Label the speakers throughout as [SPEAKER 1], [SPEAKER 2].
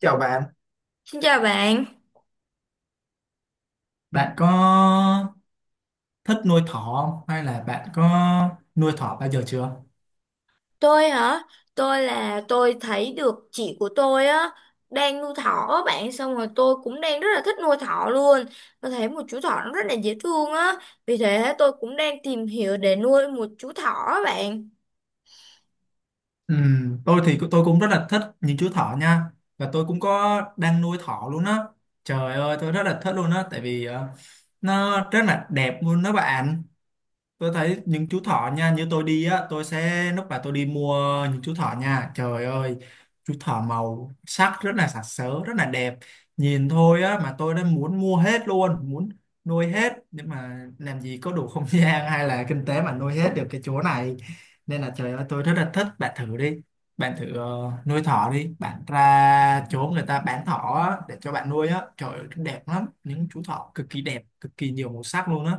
[SPEAKER 1] Chào bạn.
[SPEAKER 2] Xin chào bạn,
[SPEAKER 1] Bạn có thích nuôi thỏ không? Hay là bạn có nuôi thỏ bao giờ chưa?
[SPEAKER 2] tôi hả? Tôi là tôi thấy được chị của tôi á đang nuôi thỏ á bạn, xong rồi tôi cũng đang rất là thích nuôi thỏ luôn. Tôi thấy một chú thỏ nó rất là dễ thương á, vì thế tôi cũng đang tìm hiểu để nuôi một chú thỏ á bạn.
[SPEAKER 1] Ừ, tôi thì tôi cũng rất là thích những chú thỏ nha. Và tôi cũng có đang nuôi thỏ luôn á. Trời ơi, tôi rất là thích luôn á. Tại vì nó rất là đẹp luôn đó bạn. Tôi thấy những chú thỏ nha, như tôi đi á, tôi sẽ lúc mà tôi đi mua những chú thỏ nha, trời ơi, chú thỏ màu sắc rất là sặc sỡ, rất là đẹp. Nhìn thôi á mà tôi đã muốn mua hết luôn, muốn nuôi hết, nhưng mà làm gì có đủ không gian hay là kinh tế mà nuôi hết được cái chỗ này. Nên là trời ơi, tôi rất là thích. Bạn thử đi, bạn thử nuôi thỏ đi bạn, ra chỗ người ta bán thỏ á, để cho bạn nuôi á. Trời ơi, đẹp lắm, những chú thỏ cực kỳ đẹp, cực kỳ nhiều màu sắc luôn á.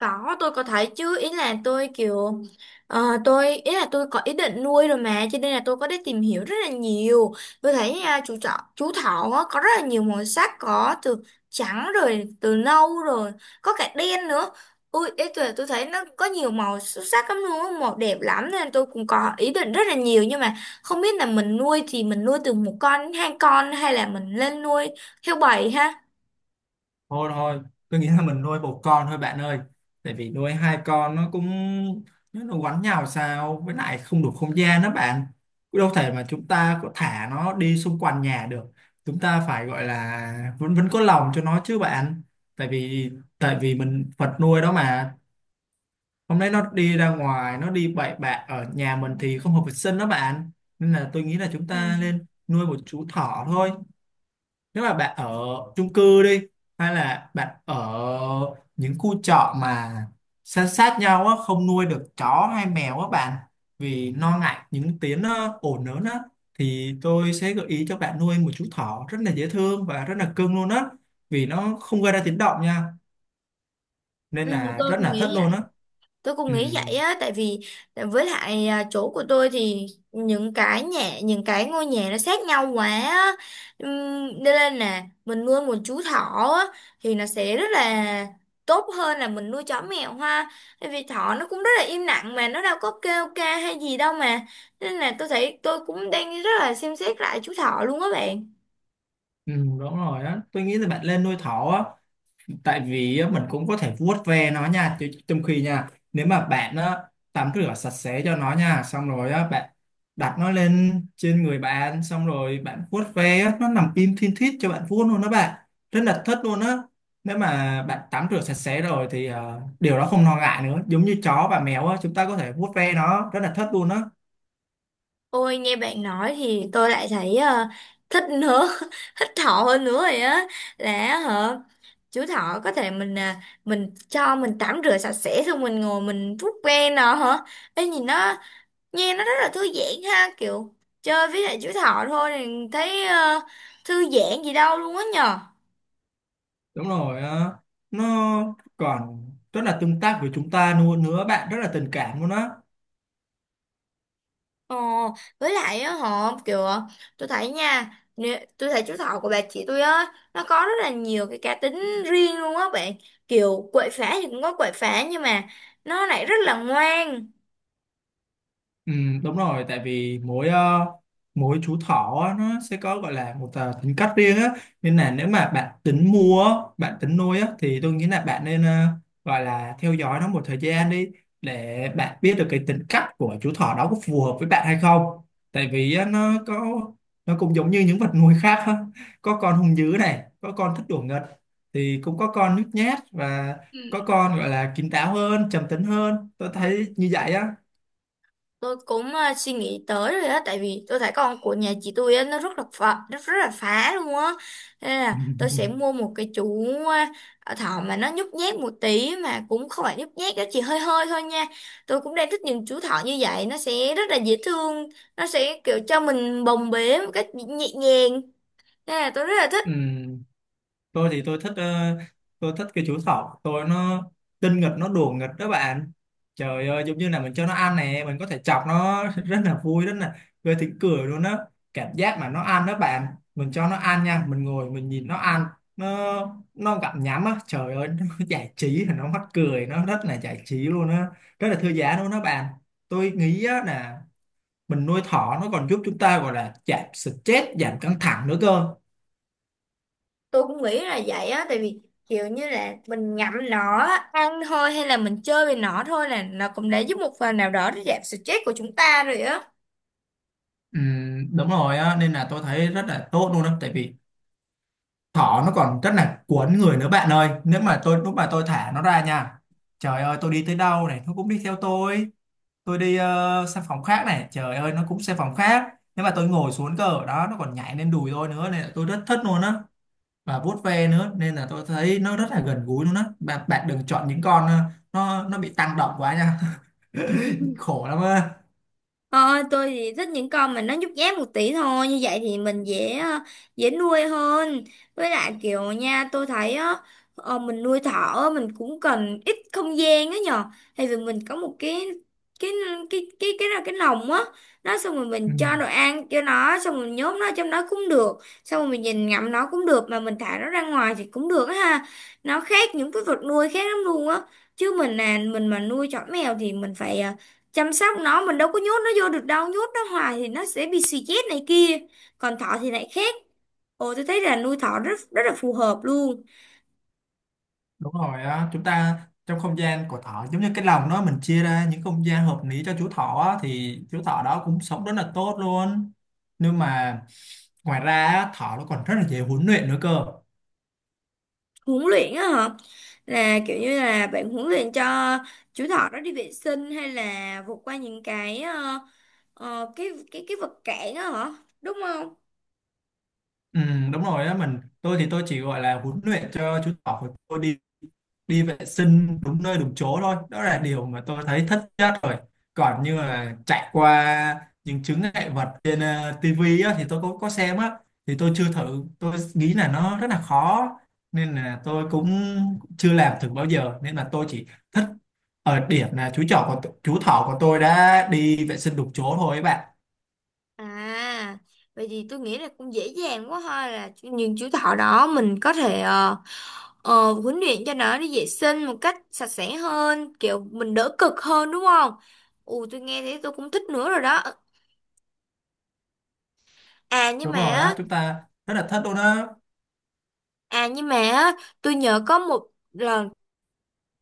[SPEAKER 2] Có, tôi có thấy chứ, ý là tôi kiểu tôi ý là tôi có ý định nuôi rồi mà cho nên là tôi có đi tìm hiểu rất là nhiều. Tôi thấy à, chú thỏ á, có rất là nhiều màu sắc, có từ trắng rồi từ nâu rồi, có cả đen nữa. Ui, ý tôi thấy nó có nhiều màu xuất sắc lắm luôn á, màu đẹp lắm nên tôi cũng có ý định rất là nhiều, nhưng mà không biết là mình nuôi thì mình nuôi từ một con đến hai con hay là mình lên nuôi theo bầy ha.
[SPEAKER 1] Thôi thôi, tôi nghĩ là mình nuôi một con thôi bạn ơi, tại vì nuôi hai con nó cũng nó quánh nhau sao, với lại không đủ không gian đó bạn. Cũng đâu thể mà chúng ta có thả nó đi xung quanh nhà được, chúng ta phải gọi là vẫn vẫn có lòng cho nó chứ bạn. Tại vì tại vì mình vật nuôi đó mà, hôm nay nó đi ra ngoài, nó đi bậy bạ ở nhà mình thì không hợp vệ sinh đó bạn. Nên là tôi nghĩ là chúng
[SPEAKER 2] Ừ.
[SPEAKER 1] ta nên nuôi một chú thỏ thôi. Nếu mà bạn ở chung cư đi, hay là bạn ở những khu trọ mà san sát nhau á, không nuôi được chó hay mèo á bạn, vì lo ngại những tiếng ồn lớn á, thì tôi sẽ gợi ý cho bạn nuôi một chú thỏ rất là dễ thương và rất là cưng luôn á, vì nó không gây ra tiếng động nha,
[SPEAKER 2] Ừ,
[SPEAKER 1] nên là
[SPEAKER 2] tôi
[SPEAKER 1] rất
[SPEAKER 2] cũng
[SPEAKER 1] là thất
[SPEAKER 2] nghĩ
[SPEAKER 1] luôn
[SPEAKER 2] vậy.
[SPEAKER 1] á.
[SPEAKER 2] tôi cũng
[SPEAKER 1] Ừ,
[SPEAKER 2] nghĩ vậy á, tại vì với lại à, chỗ của tôi thì những cái nhà những cái ngôi nhà nó sát nhau quá á. Nên là nè, mình nuôi một chú thỏ á, thì nó sẽ rất là tốt hơn là mình nuôi chó mèo ha, tại vì thỏ nó cũng rất là im lặng mà nó đâu có kêu ca hay gì đâu mà, nên là tôi thấy tôi cũng đang rất là xem xét lại chú thỏ luôn á bạn.
[SPEAKER 1] ừ, đúng rồi á, tôi nghĩ là bạn lên nuôi thỏ á. Tại vì á, mình cũng có thể vuốt ve nó nha trong khi nha, nếu mà bạn á, tắm rửa sạch sẽ cho nó nha, xong rồi á, bạn đặt nó lên trên người bạn, xong rồi bạn vuốt ve á, nó nằm im thin thít cho bạn vuốt luôn đó bạn, rất là thích luôn á. Nếu mà bạn tắm rửa sạch sẽ rồi thì điều đó không lo ngại nữa, giống như chó và mèo á, chúng ta có thể vuốt ve nó, rất là thích luôn á.
[SPEAKER 2] Ôi, nghe bạn nói thì tôi lại thấy thích nữa thích thỏ hơn nữa rồi á, là hả, chú thỏ có thể mình à, mình cho mình tắm rửa sạch sẽ xong mình ngồi mình vuốt ve nó hả? Ê, nhìn nó, nghe nó rất là thư giãn ha, kiểu chơi với lại chú thỏ thôi thì thấy thư giãn gì đâu luôn á nhờ.
[SPEAKER 1] Đúng rồi, nó còn rất là tương tác với chúng ta luôn nữa bạn, rất là tình cảm luôn á.
[SPEAKER 2] Ờ, với lại á họ kiểu tôi thấy nha, nè, tôi thấy chú thỏ của bà chị tôi á nó có rất là nhiều cái cá tính riêng luôn á bạn, kiểu quậy phá thì cũng có quậy phá nhưng mà nó lại rất là ngoan.
[SPEAKER 1] Ừ, đúng rồi, tại vì mỗi mỗi chú thỏ á, nó sẽ có gọi là một tính cách riêng á. Nên là nếu mà bạn tính mua á, bạn tính nuôi á, thì tôi nghĩ là bạn nên gọi là theo dõi nó một thời gian đi, để bạn biết được cái tính cách của chú thỏ đó có phù hợp với bạn hay không. Tại vì á, nó cũng giống như những vật nuôi khác á. Có con hung dữ này, có con thích đùa nghịch, thì cũng có con nhút nhát, và có con gọi là kín đáo hơn, trầm tính hơn, tôi thấy như vậy á.
[SPEAKER 2] Tôi cũng suy nghĩ tới rồi á, tại vì tôi thấy con của nhà chị tôi á nó rất là phá, rất rất là phá luôn á, nên là tôi sẽ mua một cái chú thỏ mà nó nhút nhát một tí, mà cũng không phải nhút nhát đó, chỉ hơi hơi thôi nha. Tôi cũng đang thích những chú thỏ như vậy, nó sẽ rất là dễ thương, nó sẽ kiểu cho mình bồng bế một cách nhẹ nhàng, nên là tôi rất là thích.
[SPEAKER 1] Ừ, tôi thì tôi thích tôi thích cái chú thỏ tôi, nó tinh nghịch, nó đùa nghịch đó bạn. Trời ơi, giống như là mình cho nó ăn nè, mình có thể chọc nó rất là vui, rất là gây tiếng cười luôn đó. Cảm giác mà nó ăn đó bạn, mình cho nó ăn nha, mình ngồi mình nhìn nó ăn, nó nó gặm nhắm á, trời ơi nó giải trí, nó mắc cười, nó rất là giải trí luôn á, rất là thư giãn luôn đó bạn. Tôi nghĩ á là mình nuôi thỏ nó còn giúp chúng ta gọi là giảm stress, giảm căng thẳng nữa cơ.
[SPEAKER 2] Tôi cũng nghĩ là vậy á, tại vì kiểu như là mình ngậm nó á, ăn thôi hay là mình chơi với nó thôi là nó cũng đã giúp một phần nào đó để giảm stress của chúng ta rồi á.
[SPEAKER 1] Ừ, đúng rồi á, nên là tôi thấy rất là tốt luôn đó, tại vì thỏ nó còn rất là cuốn người nữa bạn ơi. Nếu mà tôi lúc mà tôi thả nó ra nha, trời ơi, tôi đi tới đâu này nó cũng đi theo tôi. Tôi đi sang phòng khác này, trời ơi, nó cũng sang phòng khác. Nếu mà tôi ngồi xuống cơ ở đó, nó còn nhảy lên đùi tôi nữa, nên là tôi rất thích luôn á, và vuốt ve nữa, nên là tôi thấy nó rất là gần gũi luôn á bạn. Bạn đừng chọn những con nó bị tăng động quá nha. Khổ lắm á.
[SPEAKER 2] Ờ, tôi thì thích những con mà nó nhút nhát một tí thôi, như vậy thì mình dễ dễ nuôi hơn. Với lại kiểu nha, tôi thấy á, mình nuôi thỏ á, mình cũng cần ít không gian á nhờ, thì vì mình có một cái cái lồng á, nó xong rồi
[SPEAKER 1] Ừ.
[SPEAKER 2] mình cho đồ ăn cho nó, xong rồi mình nhốt nó trong đó cũng được, xong rồi mình nhìn ngắm nó cũng được, mà mình thả nó ra ngoài thì cũng được á ha. Nó khác những cái vật nuôi khác lắm luôn á, chứ mình mà nuôi chó mèo thì mình phải chăm sóc nó, mình đâu có nhốt nó vô được đâu, nhốt nó hoài thì nó sẽ bị suy chết này kia, còn thỏ thì lại khác. Ồ, tôi thấy là nuôi thỏ rất rất là phù hợp luôn.
[SPEAKER 1] Đúng rồi á, chúng ta trong không gian của thỏ giống như cái lồng đó, mình chia ra những không gian hợp lý cho chú thỏ á, thì chú thỏ đó cũng sống rất là tốt luôn. Nhưng mà ngoài ra á, thỏ nó còn rất là dễ huấn luyện nữa cơ.
[SPEAKER 2] Huấn luyện á hả? Là kiểu như là bạn huấn luyện cho chú thỏ nó đi vệ sinh, hay là vượt qua những cái cái vật cản á hả, đúng không?
[SPEAKER 1] Ừ, đúng rồi á, tôi thì tôi chỉ gọi là huấn luyện cho chú thỏ của tôi đi đi vệ sinh đúng nơi đúng chỗ thôi, đó là điều mà tôi thấy thất nhất rồi. Còn như là chạy qua những chướng ngại vật trên tivi á, thì tôi có xem á, thì tôi chưa thử, tôi nghĩ là nó rất là khó, nên là tôi cũng chưa làm thử bao giờ, nên là tôi chỉ thích ở điểm là chú thỏ của tôi đã đi vệ sinh đúng chỗ thôi ấy bạn.
[SPEAKER 2] À, vậy thì tôi nghĩ là cũng dễ dàng quá ha, là những chú thỏ đó mình có thể huấn luyện cho nó đi vệ sinh một cách sạch sẽ hơn, kiểu mình đỡ cực hơn, đúng không? Ù, tôi nghe thấy tôi cũng thích nữa rồi đó. À nhưng
[SPEAKER 1] Đúng
[SPEAKER 2] mà
[SPEAKER 1] rồi
[SPEAKER 2] á-
[SPEAKER 1] á, chúng ta rất là thất luôn á.
[SPEAKER 2] à, nhưng mà á, tôi nhớ có một lần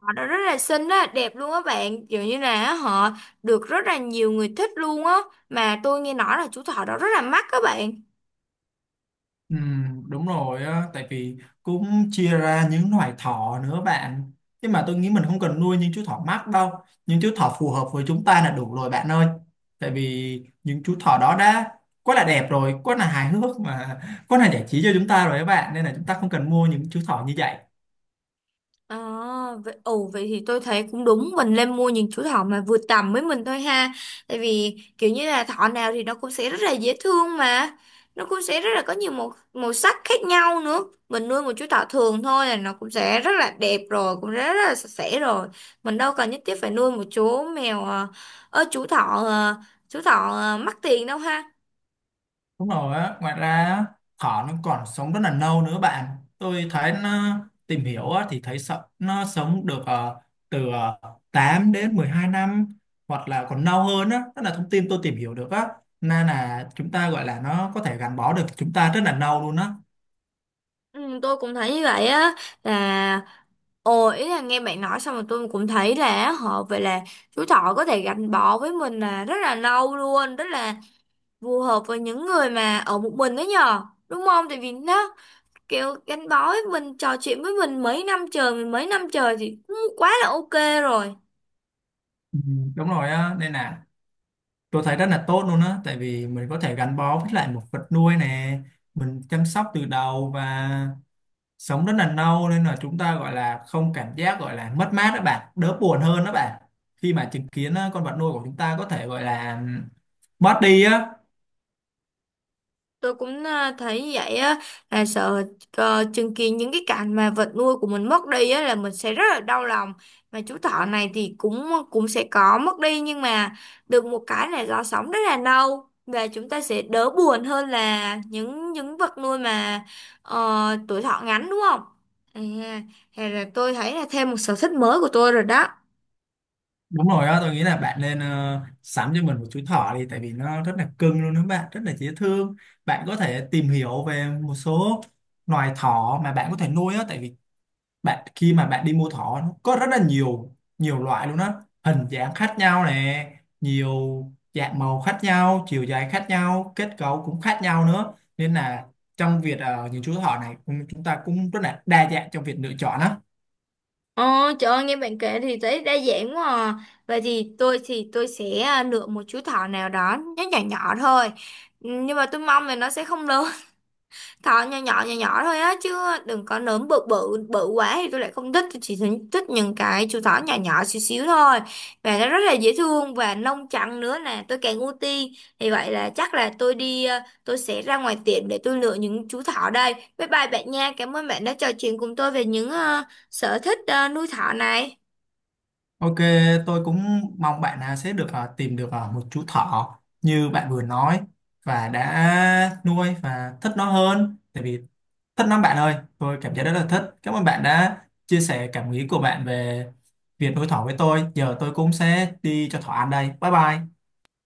[SPEAKER 2] họ đó rất là xinh á, đẹp luôn á bạn, kiểu như là họ được rất là nhiều người thích luôn á, mà tôi nghe nói là chú thỏ đó rất là mắc các bạn.
[SPEAKER 1] Ừ, đúng rồi á, tại vì cũng chia ra những loài thỏ nữa bạn. Nhưng mà tôi nghĩ mình không cần nuôi những chú thỏ mắc đâu. Những chú thỏ phù hợp với chúng ta là đủ rồi bạn ơi. Tại vì những chú thỏ đó đã quá là đẹp rồi, quá là hài hước, mà quá là giải trí cho chúng ta rồi các bạn. Nên là chúng ta không cần mua những chú thỏ như vậy.
[SPEAKER 2] À, ồ vậy thì tôi thấy cũng đúng, mình nên mua những chú thỏ mà vừa tầm với mình thôi ha, tại vì kiểu như là thỏ nào thì nó cũng sẽ rất là dễ thương mà, nó cũng sẽ rất là có nhiều màu màu sắc khác nhau nữa. Mình nuôi một chú thỏ thường thôi là nó cũng sẽ rất là đẹp rồi, cũng rất là sạch sẽ rồi, mình đâu cần nhất thiết phải nuôi một chú thỏ ờ, mắc tiền đâu ha.
[SPEAKER 1] Đúng rồi á, ngoài ra á, thỏ nó còn sống rất là lâu nữa bạn. Tôi thấy nó tìm hiểu á, thì thấy sợ nó sống được từ 8 đến 12 năm, hoặc là còn lâu hơn á, đó là thông tin tôi tìm hiểu được á. Nên là chúng ta gọi là nó có thể gắn bó được chúng ta rất là lâu luôn á.
[SPEAKER 2] Ừ, tôi cũng thấy như vậy á, là Ồ, ý là nghe bạn nói xong rồi tôi cũng thấy là họ vậy là chú thỏ có thể gắn bó với mình là rất là lâu luôn, rất là phù hợp với những người mà ở một mình đó nhờ. Đúng không? Tại vì nó kiểu gắn bó với mình, trò chuyện với mình mấy năm trời, thì cũng quá là ok rồi.
[SPEAKER 1] Ừ, đúng rồi á, nên là tôi thấy rất là tốt luôn á, tại vì mình có thể gắn bó với lại một vật nuôi nè, mình chăm sóc từ đầu và sống rất là lâu, nên là chúng ta gọi là không cảm giác gọi là mất mát đó bạn, đỡ buồn hơn đó bạn khi mà chứng kiến con vật nuôi của chúng ta có thể gọi là mất đi á.
[SPEAKER 2] Tôi cũng à, thấy vậy á, là sợ chứng kiến những cái cảnh mà vật nuôi của mình mất đi á là mình sẽ rất là đau lòng, mà chú thỏ này thì cũng cũng sẽ có mất đi nhưng mà được một cái là nó sống rất là lâu, và chúng ta sẽ đỡ buồn hơn là những vật nuôi mà tuổi thọ ngắn, đúng không? À, hay là tôi thấy là thêm một sở thích mới của tôi rồi đó.
[SPEAKER 1] Đúng rồi á, tôi nghĩ là bạn nên sắm cho mình một chú thỏ đi, tại vì nó rất là cưng luôn đó bạn, rất là dễ thương. Bạn có thể tìm hiểu về một số loài thỏ mà bạn có thể nuôi á, tại vì bạn khi mà bạn đi mua thỏ, nó có rất là nhiều nhiều loại luôn á, hình dáng khác nhau nè, nhiều dạng màu khác nhau, chiều dài khác nhau, kết cấu cũng khác nhau nữa. Nên là trong việc những chú thỏ này cũng- chúng ta cũng rất là đa dạng trong việc lựa chọn á.
[SPEAKER 2] Ờ, trời ơi, nghe bạn kể thì thấy đa dạng quá à. Vậy thì tôi sẽ à, lựa một chú thỏ nào đó nó nhỏ nhỏ thôi. Ừ, nhưng mà tôi mong là nó sẽ không lớn, thỏ nhỏ nhỏ nhỏ nhỏ thôi á, chứ đừng có nấm bự bự bự quá thì tôi lại không thích. Tôi chỉ thích thích những cái chú thỏ nhỏ nhỏ xíu xíu thôi, và nó rất là dễ thương, và lông trắng nữa nè tôi càng ưu tiên. Thì vậy là chắc là tôi đi tôi sẽ ra ngoài tiệm để tôi lựa những chú thỏ đây. Bye bye bạn nha, cảm ơn bạn đã trò chuyện cùng tôi về những sở thích nuôi thỏ này.
[SPEAKER 1] Ok, tôi cũng mong bạn à, sẽ được tìm được một chú thỏ như bạn vừa nói và đã nuôi và thích nó hơn. Tại vì thích lắm bạn ơi, tôi cảm thấy rất là thích. Cảm ơn bạn đã chia sẻ cảm nghĩ của bạn về việc đối thoại với tôi. Giờ tôi cũng sẽ đi cho thỏa ăn đây. Bye bye.